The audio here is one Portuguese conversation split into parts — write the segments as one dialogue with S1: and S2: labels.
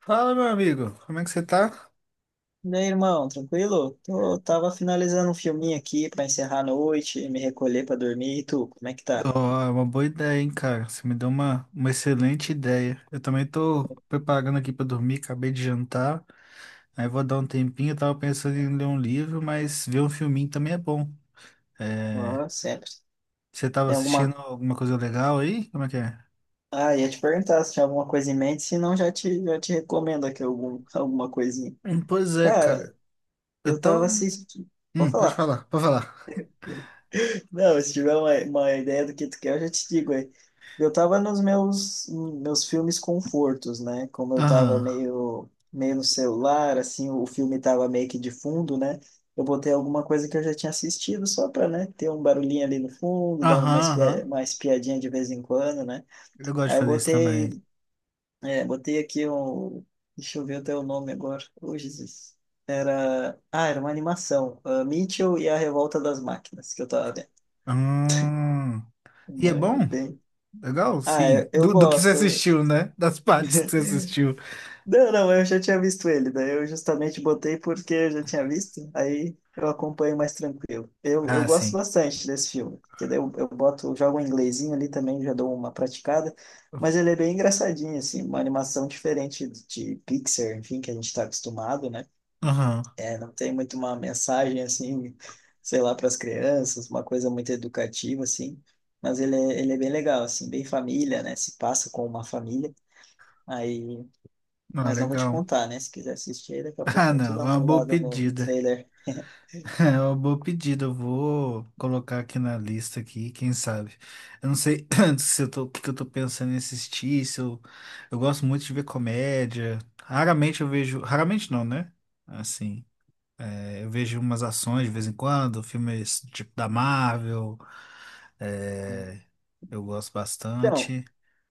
S1: Fala, meu amigo, como é que você tá?
S2: E aí, irmão, tranquilo? Tô, tava finalizando um filminho aqui pra encerrar a noite, me recolher pra dormir. E tu, como é que
S1: Ó,
S2: tá?
S1: é uma boa ideia, hein, cara? Você me deu uma excelente ideia. Eu também tô preparando aqui pra dormir, acabei de jantar, aí vou dar um tempinho. Eu tava pensando em ler um livro, mas ver um filminho também é bom. É,
S2: Ah, sempre.
S1: você tava
S2: Tem
S1: assistindo
S2: alguma.
S1: alguma coisa legal aí? Como é que é?
S2: Ah, ia te perguntar se tinha alguma coisa em mente, se não, já te recomendo aqui algum, alguma coisinha.
S1: Pois é,
S2: Cara,
S1: cara. Eu
S2: eu
S1: tava.
S2: tava assistindo. Vou
S1: Pode
S2: falar.
S1: falar, pode falar.
S2: Não, se tiver uma ideia do que tu quer, eu já te digo aí. Eu tava nos meus filmes confortos, né? Como eu tava
S1: Aham,
S2: meio no celular, assim, o filme tava meio que de fundo, né? Eu botei alguma coisa que eu já tinha assistido só pra, né, ter um barulhinho ali no fundo, dava uma,
S1: aham,
S2: espia,
S1: aham.
S2: uma espiadinha de vez em quando, né?
S1: Eu gosto de
S2: Aí eu
S1: fazer isso também.
S2: botei, é, botei aqui um... Deixa eu ver até o nome agora. Ô, Jesus. Era... Ah, era uma animação. Ah, Mitchell e a Revolta das Máquinas, que eu tava vendo.
S1: Hum. E
S2: Uma,
S1: é bom?
S2: bem,
S1: Legal,
S2: Ah,
S1: sim.
S2: eu
S1: Do que você
S2: gosto.
S1: assistiu, né? Das partes que você assistiu.
S2: Não, não, eu já tinha visto ele, daí eu justamente botei porque eu já tinha visto, aí eu acompanho mais tranquilo. Eu
S1: Ah,
S2: gosto
S1: sim.
S2: bastante desse filme, porque daí eu boto, eu jogo um inglesinho ali também, já dou uma praticada, mas ele é bem engraçadinho, assim, uma animação diferente de Pixar, enfim, que a gente está acostumado, né?
S1: Aham.
S2: É, não tem muito uma mensagem, assim, sei lá, para as crianças, uma coisa muito educativa, assim, mas ele é bem legal, assim, bem família, né? Se passa com uma família. Aí,
S1: Ah,
S2: mas não vou te
S1: legal.
S2: contar, né? Se quiser assistir, aí, daqui a
S1: Ah,
S2: pouquinho tu
S1: não.
S2: dá
S1: É uma
S2: uma
S1: boa
S2: olhada no, no
S1: pedida.
S2: trailer.
S1: É uma boa pedida. Eu vou colocar aqui na lista aqui, quem sabe. Eu não sei se eu tô, o que que eu tô pensando em assistir, se eu, eu gosto muito de ver comédia. Raramente eu vejo. Raramente não, né? Assim. Eu vejo umas ações de vez em quando, filmes tipo da Marvel. é, eu gosto
S2: Então,
S1: bastante.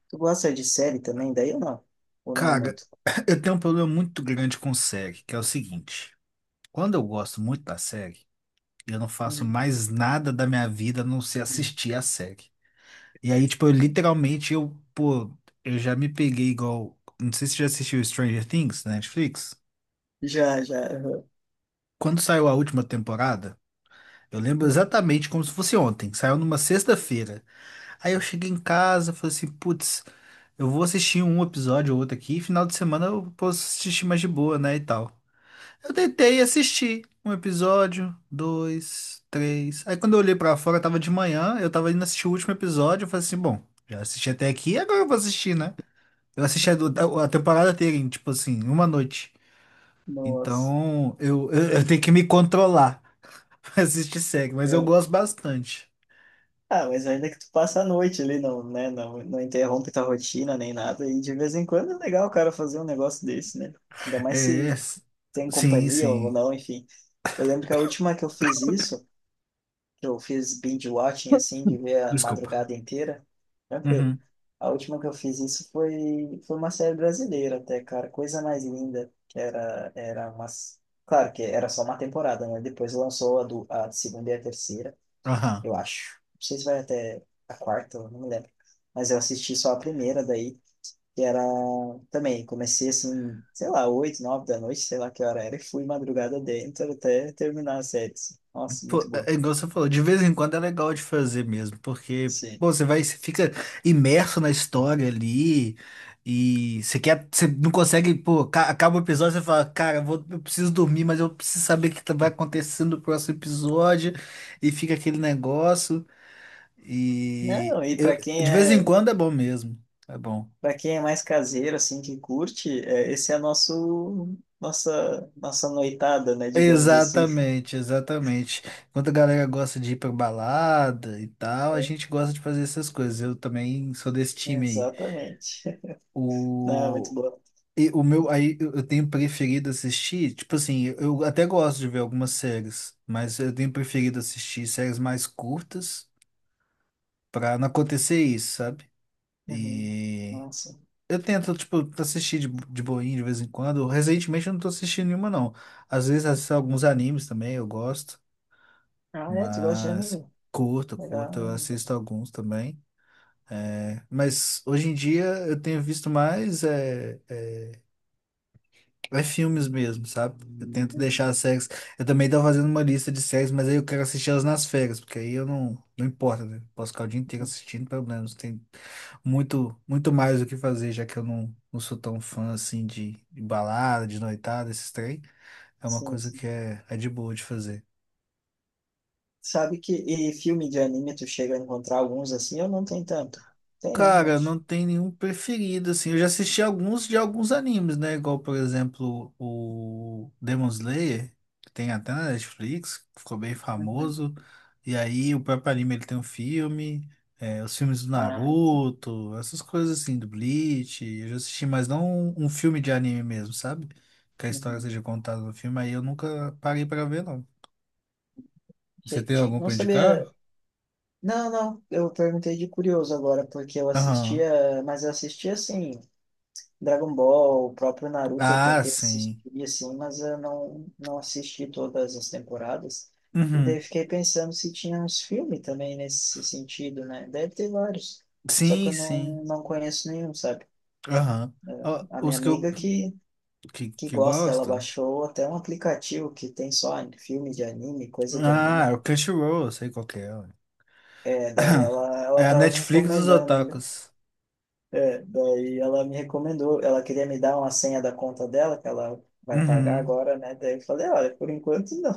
S2: tu gosta de série também, daí ou não? Ou não é
S1: Cara,
S2: muito?
S1: eu tenho um problema muito grande com série, que é o seguinte: quando eu gosto muito da série, eu não faço
S2: Uhum.
S1: mais nada da minha vida a não ser assistir a série. E aí, tipo, eu literalmente, eu, pô, eu já me peguei igual. Não sei se você já assistiu Stranger Things na Netflix.
S2: Já, já.
S1: Quando saiu a última temporada, eu lembro
S2: Uhum.
S1: exatamente como se fosse ontem. Saiu numa sexta-feira. Aí eu cheguei em casa, falei assim, putz, eu vou assistir um episódio ou outro aqui, e final de semana eu posso assistir mais de boa, né, e tal. Eu tentei assistir um episódio, dois, três. Aí quando eu olhei pra fora, tava de manhã, eu tava indo assistir o último episódio, eu falei assim, bom, já assisti até aqui, agora eu vou assistir, né? Eu assisti a temporada inteira, tipo assim, em uma noite.
S2: Nossa.
S1: Então, eu tenho que me controlar pra assistir série, mas eu
S2: Eu,
S1: gosto bastante.
S2: ah, mas ainda que tu passa a noite ali, não, né? Não, não interrompe tua rotina nem nada. E de vez em quando é legal o cara fazer um negócio desse, né? Ainda mais
S1: É,
S2: se tem
S1: sim,
S2: companhia ou
S1: sim.
S2: não, enfim. Eu lembro que a última que eu fiz isso, que eu fiz binge watching, assim, de ver a
S1: Desculpa.
S2: madrugada inteira, tranquilo.
S1: Uhum.
S2: A última que eu fiz isso foi uma série brasileira até, cara. Coisa mais linda. Que era umas. Claro que era só uma temporada, né? Depois lançou a, do, a segunda e a terceira,
S1: Aham.
S2: eu acho. Não sei se vai até a quarta, eu não me lembro. Mas eu assisti só a primeira daí, que era também, comecei assim, sei lá, oito, nove da noite, sei lá que hora era, e fui madrugada dentro até terminar a série. Assim. Nossa, muito
S1: Pô,
S2: boa.
S1: é igual você falou, de vez em quando é legal de fazer mesmo, porque
S2: Sim.
S1: pô, você vai, você fica imerso na história ali e você quer, você não consegue, pô, acaba o episódio, você fala, cara, eu vou, eu preciso dormir, mas eu preciso saber o que vai acontecer no próximo episódio e fica aquele negócio e
S2: Não, e
S1: eu,
S2: para quem
S1: de vez em
S2: é,
S1: quando é bom mesmo, é bom.
S2: para quem é mais caseiro assim que curte, é, esse é nosso, nossa, nossa noitada, né, digamos assim.
S1: Exatamente, exatamente. Enquanto a galera gosta de ir pra balada e tal, a gente gosta de fazer essas coisas. Eu também sou desse time aí.
S2: Exatamente. Não, é muito
S1: O,
S2: boa.
S1: e o meu, aí eu tenho preferido assistir, tipo assim, eu até gosto de ver algumas séries, mas eu tenho preferido assistir séries mais curtas pra não acontecer isso, sabe?
S2: Uhum.
S1: E
S2: Nossa.
S1: eu tento, tipo, assistir de boinha de vez em quando. Recentemente eu não tô assistindo nenhuma, não. Às vezes assisto alguns animes também, eu gosto,
S2: Ah, é, tu gosta de
S1: mas
S2: anime?
S1: curto,
S2: Legal.
S1: curto, eu assisto alguns também. É, mas hoje em dia eu tenho visto mais. É filmes mesmo, sabe? Eu tento
S2: Uhum.
S1: deixar as séries. Eu também tô fazendo uma lista de séries, mas aí eu quero assistir elas nas férias, porque aí eu não. Não importa, né? Posso ficar o dia inteiro assistindo, pelo menos. Tem muito, muito mais o que fazer, já que eu não sou tão fã assim de balada, de noitada, esses trem. É uma
S2: Sim,
S1: coisa que
S2: sim.
S1: é de boa de fazer.
S2: Sabe que e filme de anime tu chega a encontrar alguns assim, eu não tenho tanto. Tem, né? Eu
S1: Cara,
S2: acho.
S1: não tem nenhum preferido, assim. Eu já assisti alguns de alguns animes, né? Igual, por exemplo, o Demon Slayer, que tem até na Netflix, que ficou bem
S2: Uhum.
S1: famoso. E aí, o próprio anime, ele tem um filme, os filmes do
S2: Ah, então.
S1: Naruto, essas coisas assim, do Bleach. Eu já assisti, mas não um filme de anime mesmo, sabe? Que a história
S2: Uhum.
S1: seja contada no filme, aí eu nunca parei pra ver, não. Você
S2: Achei que
S1: tem
S2: tinha.
S1: algum
S2: Não
S1: pra indicar?
S2: sabia. Não, não. Eu perguntei de curioso agora, porque eu
S1: Aham.
S2: assistia, mas eu assistia assim, Dragon Ball, o próprio Naruto eu
S1: Ah,
S2: tentei assistir
S1: sim.
S2: assim, mas eu não, não assisti todas as temporadas. E daí
S1: Uhum.
S2: eu fiquei pensando se tinha uns filmes também nesse sentido, né? Deve ter vários. Só que
S1: Sim,
S2: eu não,
S1: sim.
S2: não conheço nenhum, sabe?
S1: Aham. Ó,
S2: A minha
S1: os que eu
S2: amiga que,
S1: que,
S2: que
S1: que
S2: gosta, ela
S1: gosto.
S2: baixou até um aplicativo que tem só filme de anime, coisa de
S1: Ah,
S2: anime.
S1: é o Crunchyroll, eu sei qual que é. Ué.
S2: É, daí ela,
S1: É
S2: ela
S1: a
S2: tava me
S1: Netflix dos
S2: recomendando, né?
S1: otakus.
S2: É, daí ela me recomendou, ela queria me dar uma senha da conta dela, que ela vai pagar
S1: Uhum.
S2: agora, né? Daí eu falei, olha, por enquanto não,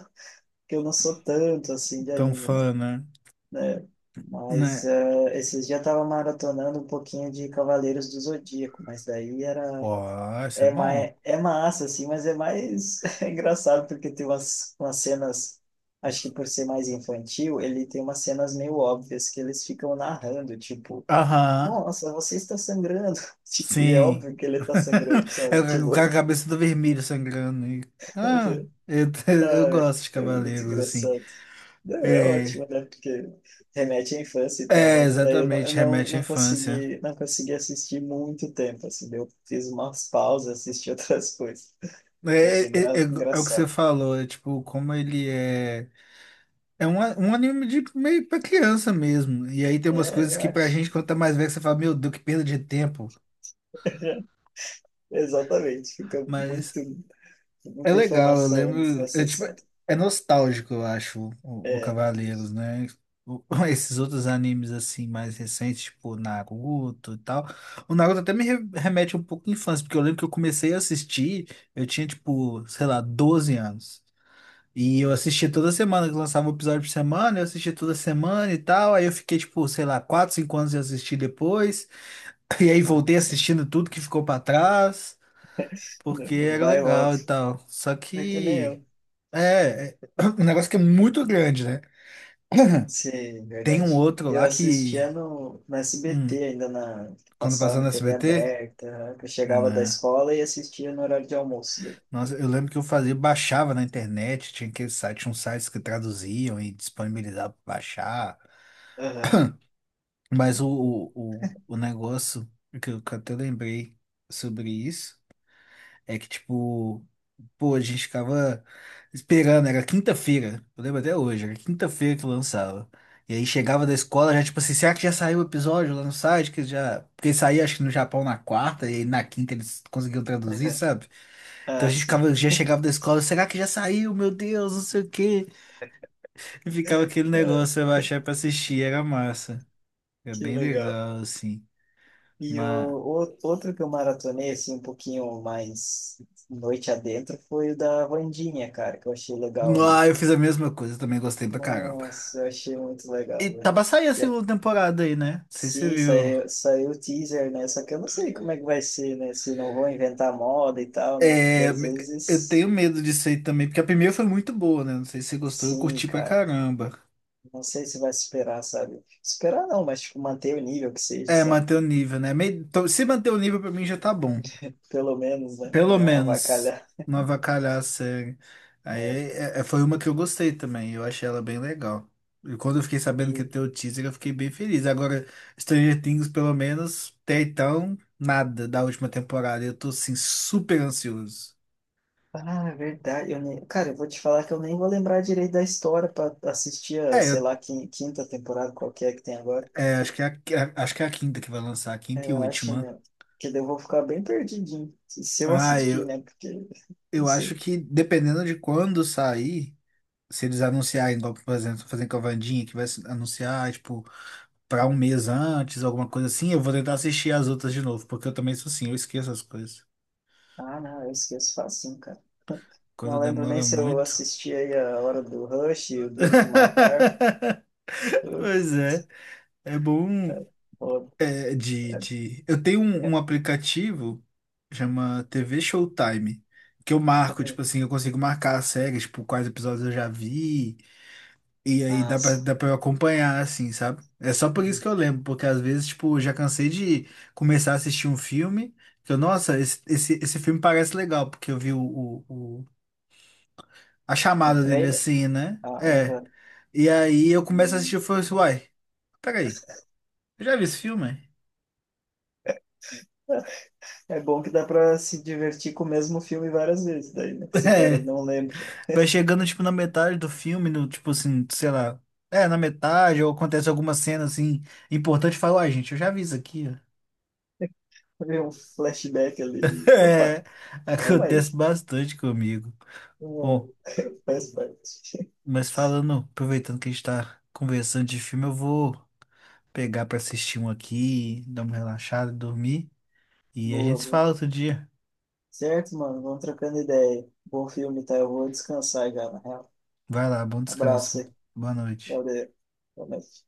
S2: porque eu não sou tanto assim de
S1: Tão
S2: anime, né?
S1: fã, né?
S2: Né? Mas
S1: Né?
S2: esses dias eu tava maratonando um pouquinho de Cavaleiros do Zodíaco, mas daí era.
S1: Ó, isso é
S2: É,
S1: bom.
S2: mais, é massa, assim, mas é mais, é engraçado porque tem umas, umas cenas, acho que por ser mais infantil, ele tem umas cenas meio óbvias que eles ficam narrando, tipo,
S1: Aham.
S2: nossa, você está sangrando. Tipo, e é
S1: Sim.
S2: óbvio que ele está sangrando,
S1: É
S2: sabe?
S1: o
S2: Tipo,
S1: cara com a cabeça do vermelho sangrando. Ah, eu, eu
S2: ai,
S1: gosto de
S2: é muito
S1: cavaleiros, assim.
S2: engraçado. Não, é
S1: É,
S2: ótimo, né? Porque remete à infância e tal,
S1: é,
S2: mas daí eu não,
S1: exatamente,
S2: eu não,
S1: remete à
S2: não
S1: infância.
S2: consegui, não consegui assistir muito tempo, assim, eu fiz umas pausas, assisti outras coisas.
S1: É,
S2: Eu achei
S1: é,
S2: engra-
S1: é, é o que você
S2: engraçado.
S1: falou, é tipo, como ele é. É um anime de meio pra criança mesmo. E aí tem umas
S2: É,
S1: coisas
S2: eu
S1: que pra
S2: acho.
S1: gente, quando tá mais velho, você fala, meu Deus, que perda de tempo.
S2: Exatamente. Fica
S1: Mas
S2: muito,
S1: é
S2: muita
S1: legal, eu
S2: informação
S1: lembro. É, tipo,
S2: desnecessária.
S1: é nostálgico, eu acho, o
S2: É,
S1: Cavaleiros, né? O- esses outros animes assim, mais recentes, tipo Naruto e tal. O Naruto até me remete um pouco à infância, porque eu lembro que eu comecei a assistir, eu tinha, tipo, sei lá, 12 anos. E eu assisti toda semana, que lançava um episódio por semana, eu assisti toda semana e tal. Aí eu fiquei, tipo, sei lá, 4 5 anos de assistir depois. E aí
S2: ah,
S1: voltei
S2: sim.
S1: assistindo tudo que ficou pra trás, porque era
S2: Vai e
S1: legal
S2: volta.
S1: e tal. Só
S2: É que nem
S1: que.
S2: eu.
S1: É um negócio que é muito grande, né?
S2: Sim,
S1: Tem um
S2: verdade.
S1: outro
S2: Eu
S1: lá que.
S2: assistia no, no
S1: hum,
S2: SBT ainda na, que
S1: Quando
S2: passava
S1: passava
S2: em
S1: no
S2: TV
S1: SBT,
S2: aberta. Né? Eu chegava da
S1: né?
S2: escola e assistia no horário de almoço. Né?
S1: Nossa, eu lembro que eu fazia, baixava na internet, tinha aqueles sites, tinha uns sites que traduziam e disponibilizavam pra baixar.
S2: Aham,
S1: Mas o negócio que eu até lembrei sobre isso é que, tipo, pô, a gente ficava esperando, era quinta-feira, eu lembro até hoje, era quinta-feira que lançava. E aí chegava da escola, já tipo assim, será que já saiu o episódio lá no site? Que já... Porque saía acho que no Japão na quarta, e aí na quinta eles conseguiam traduzir,
S2: aham.
S1: sabe? Então a
S2: Ah,
S1: gente
S2: sim.
S1: ficava, já chegava da escola, será que já saiu? Meu Deus, não sei o quê. E ficava aquele negócio,
S2: Ah,
S1: eu achar pra assistir, era massa. Era
S2: que
S1: bem
S2: legal.
S1: legal, assim.
S2: E
S1: Mas.
S2: o- outro que eu maratonei, assim, um pouquinho mais noite adentro, foi o da Wandinha, cara, que eu achei legal ali.
S1: Ah, eu fiz a mesma coisa, também gostei pra caramba.
S2: Nossa, eu achei muito
S1: E
S2: legal,
S1: tá pra
S2: velho.
S1: sair a
S2: E
S1: segunda temporada aí, né? Não sei se você
S2: sim,
S1: viu.
S2: saiu, saiu o teaser, né? Só que eu não sei como é que vai ser, né? Se não vão inventar moda e tal, né? Porque
S1: É,
S2: às
S1: eu
S2: vezes,
S1: tenho medo disso aí também, porque a primeira foi muito boa, né? Não sei se você gostou, eu
S2: sim,
S1: curti pra
S2: cara.
S1: caramba.
S2: Não sei se vai superar, sabe? Superar não, mas tipo, manter o nível que seja,
S1: É,
S2: sabe?
S1: manter o nível, né? Então, se manter o nível pra mim já tá bom.
S2: Pelo menos, né? Não
S1: Pelo
S2: é
S1: menos
S2: avacalhar.
S1: não avacalhar a série. Aí
S2: É.
S1: foi uma que eu gostei também, eu achei ela bem legal. E quando eu fiquei sabendo que
S2: E
S1: ia ter o teaser, eu fiquei bem feliz. Agora, Stranger Things, pelo menos, até então, nada da última temporada. Eu tô, assim, super ansioso.
S2: ah, é verdade. Eu nem... Cara, eu vou te falar que eu nem vou lembrar direito da história para assistir a,
S1: É,
S2: sei
S1: eu,
S2: lá, quin- quinta temporada, qual que é que tem agora.
S1: é, acho que é a, quinta que vai lançar, a quinta e
S2: Eu acho,
S1: última.
S2: né? Que daí eu vou ficar bem perdidinho. Se eu
S1: Ah,
S2: assistir,
S1: eu,
S2: né? Porque. Não
S1: eu acho
S2: sei.
S1: que dependendo de quando sair, se eles anunciarem, igual, por exemplo, fazendo com a Wandinha, que vai se anunciar, tipo. Pra um mês antes, alguma coisa assim, eu vou tentar assistir as outras de novo, porque eu também sou assim, eu esqueço as coisas.
S2: Ah, não, eu esqueço facinho, cara.
S1: Quando
S2: Não lembro nem
S1: demora
S2: se eu
S1: muito.
S2: assisti aí a Hora do Rush, o Duro de Matar. Eu-
S1: Pois é, é bom.
S2: é, foda.
S1: Eu tenho um,
S2: É,
S1: um aplicativo, chama TV Showtime, que eu marco, tipo
S2: é.
S1: assim, eu consigo marcar as séries, tipo, quais episódios eu já vi. E aí
S2: Ah,
S1: dá pra,
S2: sim.
S1: dá pra eu acompanhar, assim, sabe? É só por isso
S2: Uhum.
S1: que eu lembro, porque às vezes, tipo, eu já cansei de começar a assistir um filme, que eu, nossa, esse filme parece legal, porque eu vi a
S2: O
S1: chamada dele
S2: trailer?
S1: assim, né? É.
S2: Ah,
S1: E aí eu começo a assistir e
S2: uhum.
S1: eu falo assim, uai, peraí, eu já vi esse filme?
S2: É bom que dá pra se divertir com o mesmo filme várias vezes, daí, né? Se o cara
S1: É.
S2: não lembra,
S1: Vai chegando, tipo, na metade do filme, no, tipo assim, sei lá. É, na metade, ou acontece alguma cena, assim, importante, e fala, uai, gente, eu já vi isso aqui, ó.
S2: vê um flashback ali. Opa,
S1: É,
S2: toma aí.
S1: acontece bastante comigo.
S2: Hum, faz parte.
S1: Mas falando, aproveitando que a gente tá conversando de filme, eu vou pegar pra assistir um aqui, dar uma relaxada, dormir. E a
S2: Boa,
S1: gente se
S2: boa.
S1: fala outro dia.
S2: Certo, mano? Vamos trocando ideia. Bom filme, tá? Eu vou descansar já, na real.
S1: Vai lá, bom
S2: Abraço
S1: descanso.
S2: aí.
S1: Boa noite.
S2: Valeu. Boa noite.